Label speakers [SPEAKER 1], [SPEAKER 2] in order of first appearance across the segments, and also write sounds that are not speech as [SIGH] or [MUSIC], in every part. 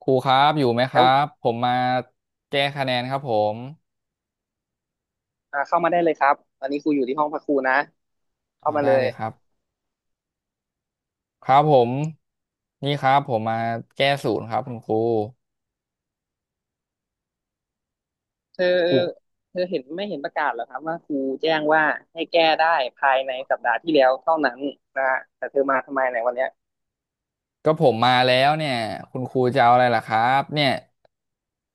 [SPEAKER 1] ครูครับอยู่ไหมค
[SPEAKER 2] แล้
[SPEAKER 1] รั
[SPEAKER 2] ว
[SPEAKER 1] บผมมาแก้คะแนนครับผม
[SPEAKER 2] อ่าเข้ามาได้เลยครับตอนนี้ครูอยู่ที่ห้องพักครูนะ
[SPEAKER 1] อ๋อ
[SPEAKER 2] เข้ามา
[SPEAKER 1] ได้
[SPEAKER 2] เลย
[SPEAKER 1] เลยครับครับผมนี่ครับผมมาแก้ศูนย์ครับคุณครู
[SPEAKER 2] เธอ
[SPEAKER 1] ครู
[SPEAKER 2] เธอเห็นไม่เห็นประกาศเหรอครับว่าครูแจ้งว่าให้แก้ได้ภายในสัปดาห์ที่แล้วเท่านั้นนะฮะแต่เธอมาทำไมในยวันเนี้ย
[SPEAKER 1] ก็ผมมาแล้วเนี่ยคุณครูจะเอาอะไรล่ะครับเนี่ย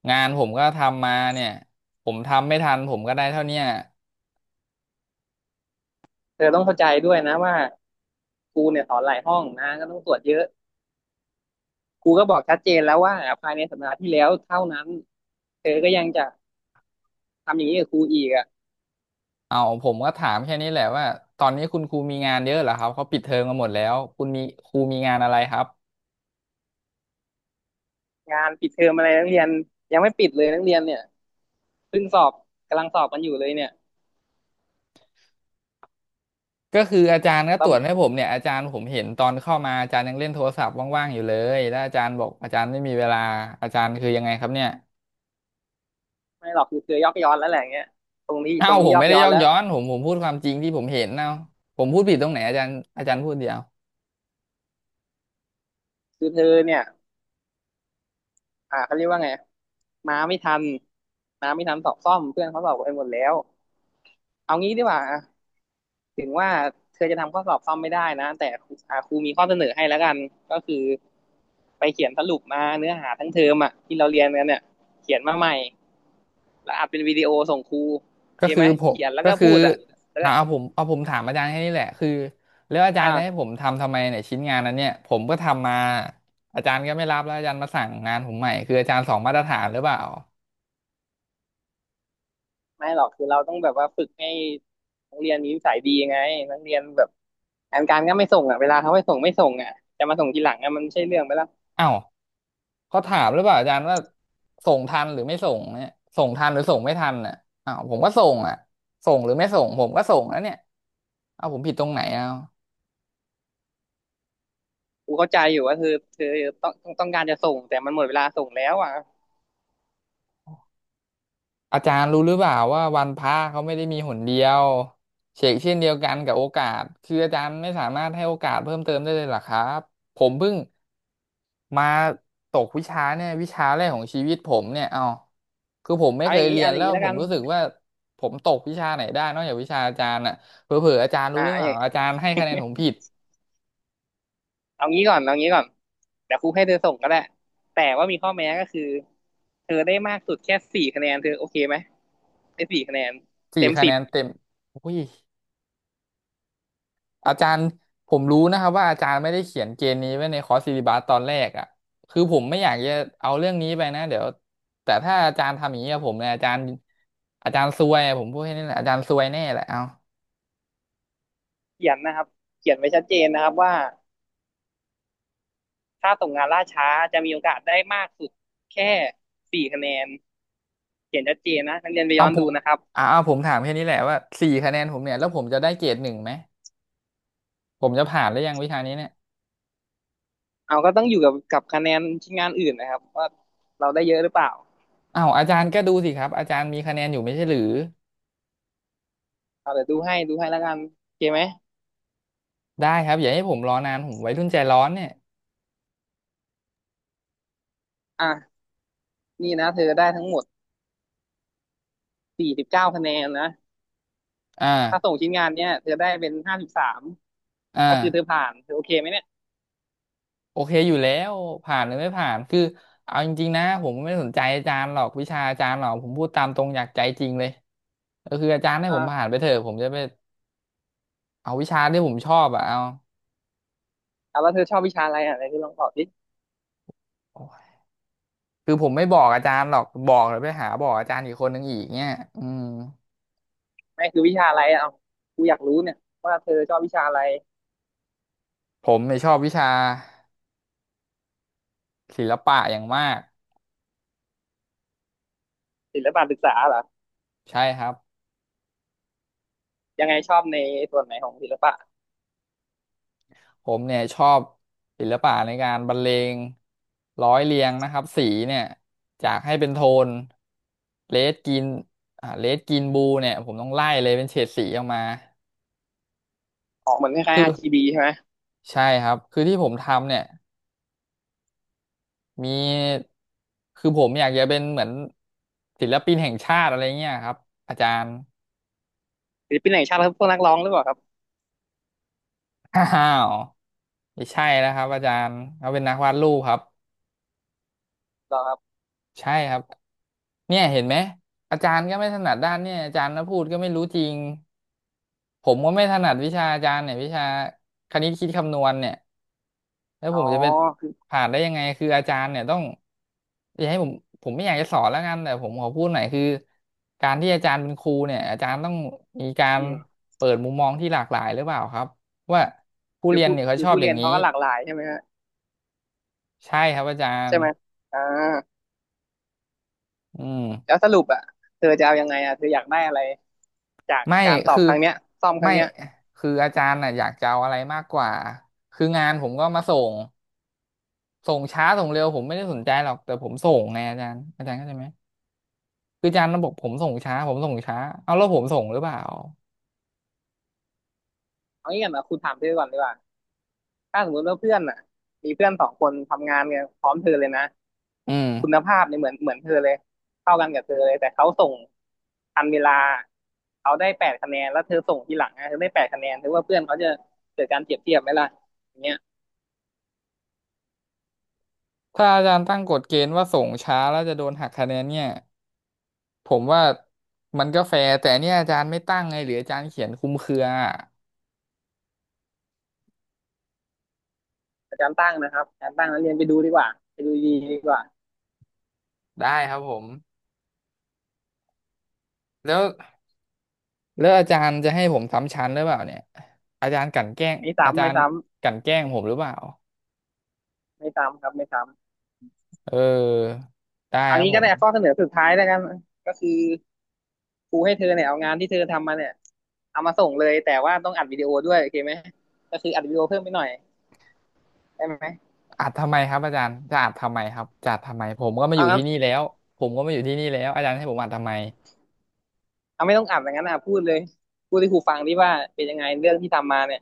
[SPEAKER 1] งานผมก็ทำมาเนี่ยผมทำไม่ทันผมก็ได้เท่าเนี้ย
[SPEAKER 2] เธอต้องเข้าใจด้วยนะว่าครูเนี่ยสอนหลายห้องนะก็ต้องตรวจเยอะครูก็บอกชัดเจนแล้วว่าภายในสัปดาห์ที่แล้วเท่านั้นเธอก็ยังจะทำอย่างนี้กับครูอีกอะ
[SPEAKER 1] เอาผมก็ถามแค่นี้แหละว่าตอนนี้คุณครูมีงานเยอะเหรอครับเขาปิดเทอมกันหมดแล้วคุณมีครูมีงานอะไรครับ
[SPEAKER 2] งานปิดเทอมอะไรนักเรียนยังไม่ปิดเลยนักเรียนเนี่ยเพิ่งสอบกำลังสอบกันอยู่เลยเนี่ย
[SPEAKER 1] ก็คืออาจารย์ก็ต
[SPEAKER 2] เรา
[SPEAKER 1] รวจให้ผมเนี่ยอาจารย์ผมเห็นตอนเข้ามาอาจารย์ยังเล่นโทรศัพท์ว่างๆอยู่เลยแล้วอาจารย์บอกอาจารย์ไม่มีเวลาอาจารย์คือยังไงครับเนี่ย
[SPEAKER 2] ไม่หรอกคือเธอยอกย้อนแล้วแหละอย่างเงี้ยตรงนี้
[SPEAKER 1] เอ้า
[SPEAKER 2] ตรง
[SPEAKER 1] ผ
[SPEAKER 2] นี้
[SPEAKER 1] ม
[SPEAKER 2] ยอ
[SPEAKER 1] ไม่
[SPEAKER 2] ก
[SPEAKER 1] ได้
[SPEAKER 2] ย้อ
[SPEAKER 1] ย
[SPEAKER 2] น
[SPEAKER 1] อก
[SPEAKER 2] แล้ว
[SPEAKER 1] ย้อนผมผมพูดความจริงที่ผมเห็นเนาะผมพูดผิดตรงไหนอาจารย์อาจารย์พูดเดียว
[SPEAKER 2] คือเธอเนี่ยอ่าเขาเรียกว่าไงมาไม่ทันมาไม่ทันสอบซ่อมเพื่อนเขาสอบไปหมดแล้วเอางี้ดีกว่าอ่ะถึงว่าเธอจะทำข้อสอบซ่อมไม่ได้นะแต่ครูอ่าครูมีข้อเสนอให้แล้วกันก็คือไปเขียนสรุปมาเนื้อหาทั้งเทอมอ่ะที่เราเรียนกันเนี่ยเขียนมาใหม่แล้วอัดเป็นวิดีโอส่งครูโอ
[SPEAKER 1] ก็
[SPEAKER 2] เค
[SPEAKER 1] คือ
[SPEAKER 2] ไหม
[SPEAKER 1] ผม
[SPEAKER 2] เขียนแล้ว
[SPEAKER 1] ก็
[SPEAKER 2] ก็
[SPEAKER 1] คือ
[SPEAKER 2] พูดอ่ะแล้ว
[SPEAKER 1] อ่า
[SPEAKER 2] ก็
[SPEAKER 1] เอาผมเอาผมถามอาจารย์แค่นี้แหละคือแล้วอาจา
[SPEAKER 2] อ่า
[SPEAKER 1] รย์จะให้ผมทำทำไมเนี่ยชิ้นงานนั้นเนี่ยผมก็ทำมาอาจารย์ก็ไม่รับแล้วอาจารย์มาสั่งงานผมใหม่คืออาจารย์สองมาตรฐานหรือเปล่า
[SPEAKER 2] ไม่หรอกคือเราต้องแบบว่าฝึกให้นักเรียนมีนิสัยดีไงนักเรียนแบบงานการก็ไม่ส่งอ่ะเวลาเขาไม่ส่งไม่ส่งอ่ะจะมาส่งทีหลังอ่ะมันไม่ใช่เรื่องไปแล้ว
[SPEAKER 1] เอ้า เขาถามหรือเปล่าอาจารย์ว่าส่งทันหรือไม่ส่งเนี่ยส่งทันหรือส่งไม่ทันอ่ะอ้าวผมก็ส่งอ่ะส่งหรือไม่ส่งผมก็ส่งแล้วเนี่ยเอาผมผิดตรงไหนเอา
[SPEAKER 2] กูเข้าใจอยู่ว่าเธอเธอต้องต้องต้องการจะส่งแต่มันหมดเวลาส่งแล้วอ่ะ
[SPEAKER 1] อาจารย์รู้หรือเปล่าว่าวันพระเขาไม่ได้มีหนเดียวเฉกเช่นเดียวกันกับโอกาสคืออาจารย์ไม่สามารถให้โอกาสเพิ่มเติมได้เลยเหรอครับผมเพิ่งมาตกวิชาเนี่ยวิชาแรกของชีวิตผมเนี่ยเอาคือผมไม่
[SPEAKER 2] เอา
[SPEAKER 1] เค
[SPEAKER 2] อย่า
[SPEAKER 1] ย
[SPEAKER 2] งนี้
[SPEAKER 1] เรีย
[SPEAKER 2] เอา
[SPEAKER 1] น
[SPEAKER 2] อย่า
[SPEAKER 1] แล้
[SPEAKER 2] ง
[SPEAKER 1] ว
[SPEAKER 2] นี้แล้
[SPEAKER 1] ผ
[SPEAKER 2] ว
[SPEAKER 1] ม
[SPEAKER 2] กัน
[SPEAKER 1] รู้สึกว่าผมตกวิชาไหนได้นอกจากวิชาอาจารย์อ่ะเผลอๆอาจารย์รู้
[SPEAKER 2] อ่า
[SPEAKER 1] หรือ
[SPEAKER 2] เอา
[SPEAKER 1] เป
[SPEAKER 2] อ
[SPEAKER 1] ล่า
[SPEAKER 2] ย่าง
[SPEAKER 1] อาจารย์ให้คะแนนผมผิด
[SPEAKER 2] เอางี้ก่อนเอางี้ก่อนเดี๋ยวครูให้เธอส่งก็ได้แต่ว่ามีข้อแม้ก็คือเธอได้มากสุดแค่สี่คะแนนเธอโอเคไหมได้สี่คะแนน
[SPEAKER 1] สี่
[SPEAKER 2] เต็ม
[SPEAKER 1] คะ
[SPEAKER 2] สิ
[SPEAKER 1] แน
[SPEAKER 2] บ
[SPEAKER 1] นเต็มอุ้ย อาจารย์ผมรู้นะครับว่าอาจารย์ไม่ได้เขียนเกณฑ์นี้ไว้ในคอร์สซิลิบัสตอนแรกอ่ะคือผมไม่อยากจะเอาเรื่องนี้ไปนะเดี๋ยวแต่ถ้าอาจารย์ทำอย่างนี้กับผมเนี่ยอาจารย์อาจารย์ซวยอะผมพูดแค่นี้แหละอาจารย์ซวยแน่แหละเอา
[SPEAKER 2] เขียนนะครับเขียนไว้ชัดเจนนะครับว่า ถ้าส่งงานล่าช้าจะมีโอกาสได้มากสุดแค่สี่คะแนนเขียนชัดเจนนะนักเรียนไปย้
[SPEAKER 1] เอา
[SPEAKER 2] อน
[SPEAKER 1] ผ
[SPEAKER 2] ดู
[SPEAKER 1] ม
[SPEAKER 2] นะครับ
[SPEAKER 1] อ่าเอาผมถามแค่นี้แหละว่าสี่คะแนนผมเนี่ยแล้วผมจะได้เกรดหนึ่งไหมผมจะผ่านหรือยังวิชานี้เนี่ย
[SPEAKER 2] เอาก็ต้องอยู่กับกับคะแนนชิ้นงานอื่นนะครับว่าเราได้เยอะหรือเปล่า
[SPEAKER 1] อ้าวอาจารย์ก็ดูสิครับอาจารย์มีคะแนนอยู่ไม่ใช่หรือ
[SPEAKER 2] เอาเดี๋ยวดูให้ดูให้แล้วกันโอเคไหม
[SPEAKER 1] ได้ครับอย่าให้ผมรอนานผมวัยรุ่นใจร้อนเนี่ย
[SPEAKER 2] อ่ะนี่นะเธอได้ทั้งหมดสี่สิบเก้าคะแนนนะ
[SPEAKER 1] อ่า
[SPEAKER 2] ถ้าส่งชิ้นงานเนี้ยเธอได้เป็นห้าสิบสามก็
[SPEAKER 1] อ่า
[SPEAKER 2] คือเธอผ่านเธอโอเคไหมเนี่ย
[SPEAKER 1] โอเคอยู่แล้วผ่านหรือไม่ผ่านคือเอาจริงๆนะผมไม่ได้สนใจอาจารย์หรอกวิชาอาจารย์หรอกผมพูดตามตรงอยากใจจริงเลยก็คืออาจารย์ให้ผ
[SPEAKER 2] อ่า
[SPEAKER 1] มผ่านไปเถอะผมจะไปเอาวิชาที่ผมชอบอะเอา
[SPEAKER 2] เอาแล้วเธอชอบวิชาอะไรอ่ะไหนเธอลองตอบดิ
[SPEAKER 1] โอ้ยคือผมไม่บอกอาจารย์หรอกบอกหรือไปหาบอกอาจารย์อีกคนนึงอีกเนี่ยอืม
[SPEAKER 2] ไม่คือวิชาอะไรอ่ะเอากูอยากรู้เนี่ยว่าเธอชอบวิชาอะไร
[SPEAKER 1] ผมไม่ยชอบวิชาศิลปะอย่างมาก
[SPEAKER 2] ศิลปะศึกษาเหรอ
[SPEAKER 1] ใช่ครับ
[SPEAKER 2] ยังไงชอบในส่วนไหนของศิลปะ
[SPEAKER 1] ผมเนี่ยชอบศิลปะในการบรรเลงร้อยเรียงนะครับสีเนี่ยจากให้เป็นโทนเลดกินอ่าเลดกินบูเนี่ยผมต้องไล่เลยเป็นเฉดสีออกมา
[SPEAKER 2] ออกเหมือนคล้าย
[SPEAKER 1] คื
[SPEAKER 2] ๆ
[SPEAKER 1] อ
[SPEAKER 2] RGB ใช่ไหม
[SPEAKER 1] ใช่ครับคือที่ผมทำเนี่ยมีคือผมอยากจะเป็นเหมือนศิลปินแห่งชาติอะไรเงี้ยครับอาจารย์
[SPEAKER 2] ศิลปินแห่งชาติครับพวกนักร้องหรือเปล่าครับ
[SPEAKER 1] [COUGHS] อ้าวไม่ใช่นะครับอาจารย์เขาเป็นนักวาดรูปครับ
[SPEAKER 2] หรอครับ
[SPEAKER 1] ใช่ครับเนี่ยเห็นไหมอาจารย์ก็ไม่ถนัดด้านเนี่ยอาจารย์นะพูดก็ไม่รู้จริงผมก็ไม่ถนัดวิชาอาจารย์เนี่ยวิชาคณิตคิดคำนวณเนี่ยแล้ว
[SPEAKER 2] อ๋
[SPEAKER 1] ผม
[SPEAKER 2] อ
[SPEAKER 1] จะไป
[SPEAKER 2] คือ
[SPEAKER 1] ผ่านได้ยังไงคืออาจารย์เนี่ยต้องอย่าให้ผมผมไม่อยากจะสอนแล้วกันแต่ผมขอพูดหน่อยคือการที่อาจารย์เป็นครูเนี่ยอาจารย์ต้องมีการ
[SPEAKER 2] อืม
[SPEAKER 1] เปิดมุมมองที่หลากหลายหรือเปล่าครับว่าผู้
[SPEAKER 2] คือ
[SPEAKER 1] เรียน
[SPEAKER 2] ผู้
[SPEAKER 1] เนี่ยเขา
[SPEAKER 2] คื
[SPEAKER 1] ช
[SPEAKER 2] อ
[SPEAKER 1] อบ
[SPEAKER 2] ผู้
[SPEAKER 1] อ
[SPEAKER 2] เรี
[SPEAKER 1] ย่าง
[SPEAKER 2] ยน
[SPEAKER 1] นี้
[SPEAKER 2] เขาก็หลากหลายใช่ไหมฮะ
[SPEAKER 1] ใช่ครับอาจาร
[SPEAKER 2] ใช่
[SPEAKER 1] ย์
[SPEAKER 2] ไหม อ่า
[SPEAKER 1] อืม
[SPEAKER 2] แล้วสรุปอ่ะเธอจะเอายังไงอ่ะเธออยากได้อะไร จาก
[SPEAKER 1] ไม่
[SPEAKER 2] การตอบ
[SPEAKER 1] คือ
[SPEAKER 2] ครั้งเนี้ยซ่อมครั้
[SPEAKER 1] ไม่
[SPEAKER 2] งเนี้ย
[SPEAKER 1] คืออาจารย์น่ะอยากจะเอาอะไรมากกว่าคืองานผมก็มาส่งส่งช้าส่งเร็วผมไม่ได้สนใจหรอกแต่ผมส่งไงอาจารย์อาจารย์เข้าใจไหมคืออาจารย์บอกผมส่งช้าผมส่งช้าเอาแล้วผมส่งหรือเปล่า
[SPEAKER 2] เอางี้ก่อนนะคุณถามเธอก่อนดีกว่า ถ้าสมมติว่าเพื่อนอ่ะมีเพื่อนสองคนทำงานกันพร้อมเธอเลยนะ
[SPEAKER 1] อืม
[SPEAKER 2] คุณภาพเนี่ยเหมือนเหมือนเธอเลยเข้ากันกับเธอเลยแต่เขาส่งทันเวลาเขาได้แปดคะแนนแล้วเธอส่งทีหลังนะเธอได้แปดคะแนนถือว่าเพื่อนเขาจะเกิดการเปรียบเทียบไหมล่ะเ
[SPEAKER 1] ถ้าอาจารย์ตั้งกฎเกณฑ์ว่าส่งช้าแล้วจะโดนหักคะแนนเนี่ยผมว่ามันก็แฟร์แต่เนี่ยอาจารย์ไม่ตั้งไงหรืออาจารย์เขียนคลุมเครือ
[SPEAKER 2] อาจารย์ตั้งนะครับอาจารย์ตั้งนักเรียนไปดูดีกว่าไปดูดีดีกว่า
[SPEAKER 1] ได้ครับผมแล้ว แล้วอาจารย์จะให้ผมซ้ำชั้นหรือเปล่าเนี่ยอาจารย์กลั่นแกล้ง
[SPEAKER 2] ไม่
[SPEAKER 1] อา
[SPEAKER 2] ซ้ำ
[SPEAKER 1] จา
[SPEAKER 2] ไม่
[SPEAKER 1] รย์
[SPEAKER 2] ซ้ำ
[SPEAKER 1] กลั่นแกล้งผมหรือเปล่า
[SPEAKER 2] ไม่ซ้ำครับไม่ซ้ำ
[SPEAKER 1] เออได้
[SPEAKER 2] ออน
[SPEAKER 1] ครับ
[SPEAKER 2] งี้
[SPEAKER 1] ผ
[SPEAKER 2] ก็
[SPEAKER 1] ม
[SPEAKER 2] ได้ข้อเสนอสุดท้ายแล้วกันก็คือครูให้เธอเนี่ยเอางานที่เธอทำมาเนี่ยเอามาส่งเลยแต่ว่าต้องอัดวิดีโอด้วยโอเคไหมก็คืออัดวิดีโอเพิ่มไปหน่อยได้ไหม
[SPEAKER 1] อัดทำไมครับอาจารย์จะอัดทำไมครับจะอัดทำไมผมก็มาอ
[SPEAKER 2] เอา
[SPEAKER 1] ยู่
[SPEAKER 2] งั้
[SPEAKER 1] ที่
[SPEAKER 2] น
[SPEAKER 1] นี่แล้วผมก็มาอยู่ที่นี่แล้วอาจารย์ให้ผมอัดทำไม
[SPEAKER 2] เอาไม่ต้องอัดอย่างนั้นนะพูดเลยพูดให้ครูฟังดิว่าเป็นยังไงเรื่องที่ทำมาเนี่ย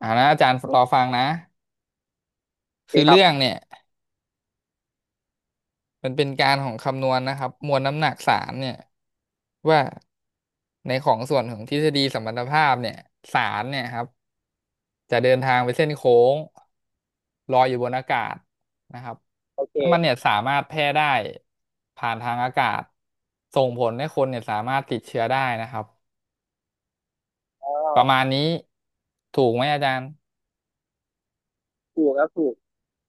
[SPEAKER 1] อ่านะอาจารย์รอฟังนะ
[SPEAKER 2] โอเค
[SPEAKER 1] คือ
[SPEAKER 2] ครั
[SPEAKER 1] เรื่
[SPEAKER 2] บ
[SPEAKER 1] องเนี่ยมันเป็นการของคำนวณนะครับมวลน้ำหนักสารเนี่ยว่าในของส่วนของทฤษฎีสัมพัทธภาพเนี่ยสารเนี่ยครับ จะเดินทางไปเส้นโค้งลอยอยู่บนอากาศนะครับ
[SPEAKER 2] โอเค
[SPEAKER 1] แล้วมันเนี่ยสามารถแพร่ได้ผ่านทางอากาศส่งผลให้คนเนี่ยสามารถติดเชื้อได้นะครับ
[SPEAKER 2] อ๋อ
[SPEAKER 1] ประมาณนี้ถูกไหมอาจารย์
[SPEAKER 2] ถูกครับถูก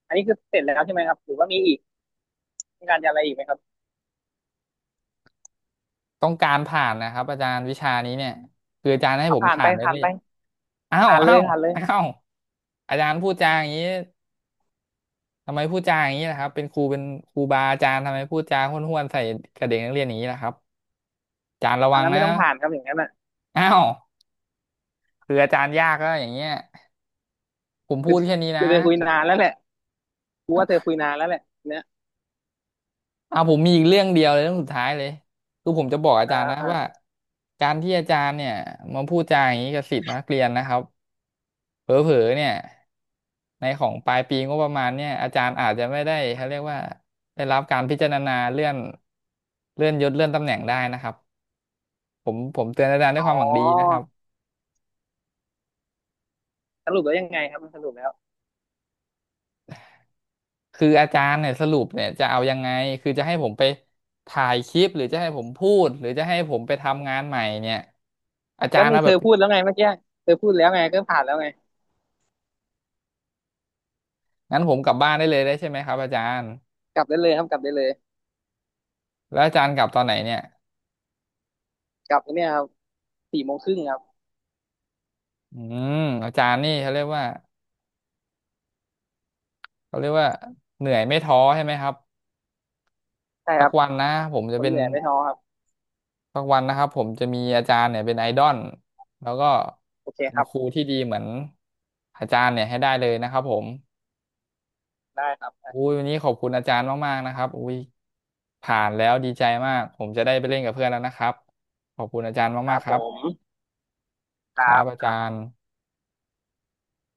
[SPEAKER 2] อันนี้คือเสร็จแล้วใช่ไหมครับหรือว่ามีอีกมีการจะอะไรอีกไหมครับ
[SPEAKER 1] ต้องการผ่านนะครับอาจารย์วิชานี้เนี่ยคืออาจารย์ให้
[SPEAKER 2] เอา
[SPEAKER 1] ผม
[SPEAKER 2] ผ่าน
[SPEAKER 1] ผ่า
[SPEAKER 2] ไป
[SPEAKER 1] นได้
[SPEAKER 2] ผ่า
[SPEAKER 1] เล
[SPEAKER 2] น
[SPEAKER 1] ย
[SPEAKER 2] ไป
[SPEAKER 1] อ้าว
[SPEAKER 2] ผ่านเล
[SPEAKER 1] อ้า
[SPEAKER 2] ย
[SPEAKER 1] ว
[SPEAKER 2] ผ่านเลย
[SPEAKER 1] อ้าวอาจารย์พูดจาอย่างนี้ทำไมพูดจาอย่างนี้นะครับเป็นครูเป็นครูบาอาจารย์ทำไมพูดจาห้วนๆใส่กับเด็กนักเรียนอย่างนี้นะครับอาจารย์ระ
[SPEAKER 2] เอา
[SPEAKER 1] วัง
[SPEAKER 2] งั้นไม่
[SPEAKER 1] นะ
[SPEAKER 2] ต้องผ่านครับอย่างนั้น
[SPEAKER 1] อ้าว คืออาจารย์ยากก็อย่างเงี้ยผม
[SPEAKER 2] คื
[SPEAKER 1] พู
[SPEAKER 2] อ
[SPEAKER 1] ดแค่นี้
[SPEAKER 2] คื
[SPEAKER 1] นะ
[SPEAKER 2] อเธอคุยนานแล้วแหละกูว่าเธอคุยนานแล้วแหละเนี่ย
[SPEAKER 1] อ่าผมมีอีกเรื่องเดียวเลยเรื่องสุดท้ายเลยคือผมจะบอกอา
[SPEAKER 2] อ่
[SPEAKER 1] จารย์นะว่า
[SPEAKER 2] า
[SPEAKER 1] การที่อาจารย์เนี่ยมาพูดจาอย่างนี้กับศิษย์นักเรียนนะครับเผลอๆเนี่ยในของปลายปีงบประมาณเนี่ยอาจารย์อาจจะไม่ได้เขาเรียกว่าได้รับการพิจารณาเลื่อนเลื่อนยศเลื่อนตำแหน่งได้นะครับผมผมเตือนอาจารย์ด้ว
[SPEAKER 2] อ๋
[SPEAKER 1] ย
[SPEAKER 2] อ
[SPEAKER 1] ความหวังดีนะครับ
[SPEAKER 2] สรุปแล้วยังไงครับมันสรุปแล้ว
[SPEAKER 1] คืออาจารย์เนี่ยสรุปเนี่ยจะเอายังไง คือจะให้ผมไปถ่ายคลิปหรือจะให้ผมพูดหรือจะให้ผมไปทำงานใหม่เนี่ยอาจา
[SPEAKER 2] ก็
[SPEAKER 1] รย์
[SPEAKER 2] นี่
[SPEAKER 1] เอา
[SPEAKER 2] เธ
[SPEAKER 1] แบ
[SPEAKER 2] อ
[SPEAKER 1] บ
[SPEAKER 2] พูดแล้วไงเมื่อกี้เธอพูดแล้วไงก็ผ่านแล้วไง
[SPEAKER 1] งั้นผมกลับบ้านได้เลยได้ใช่ไหมครับอาจารย์
[SPEAKER 2] กลับได้เลยครับกลับได้เลย
[SPEAKER 1] แล้วอาจารย์กลับตอนไหนเนี่ย
[SPEAKER 2] กลับเนี่ยครับสี่โมงครึ่งครับ
[SPEAKER 1] อืมอาจารย์นี่เขาเรียกว่าเขาเรียกว่าเหนื่อยไม่ท้อใช่ไหมครับ
[SPEAKER 2] ใช่ค
[SPEAKER 1] สัก
[SPEAKER 2] รับ
[SPEAKER 1] วันนะผมจะ
[SPEAKER 2] คน
[SPEAKER 1] เป็น
[SPEAKER 2] เหนื่อยไม่ท้อครับ
[SPEAKER 1] สักวันนะครับผมจะมีอาจารย์เนี่ยเป็นไอดอลแล้วก็
[SPEAKER 2] โอเค
[SPEAKER 1] เป็
[SPEAKER 2] ค
[SPEAKER 1] น
[SPEAKER 2] รับ
[SPEAKER 1] ครูที่ดีเหมือนอาจารย์เนี่ยให้ได้เลยนะครับผม
[SPEAKER 2] ได้ครับได้
[SPEAKER 1] อุ้ยวันนี้ขอบคุณอาจารย์มากๆนะครับอุ้ยผ่านแล้วดีใจมากผมจะได้ไปเล่นกับเพื่อนแล้วนะครับขอบคุณอาจารย์
[SPEAKER 2] ค
[SPEAKER 1] มา
[SPEAKER 2] รั
[SPEAKER 1] ก
[SPEAKER 2] บ
[SPEAKER 1] ๆค
[SPEAKER 2] ผ
[SPEAKER 1] รับ
[SPEAKER 2] ม
[SPEAKER 1] ครับอา
[SPEAKER 2] ค
[SPEAKER 1] จา
[SPEAKER 2] รับ
[SPEAKER 1] รย์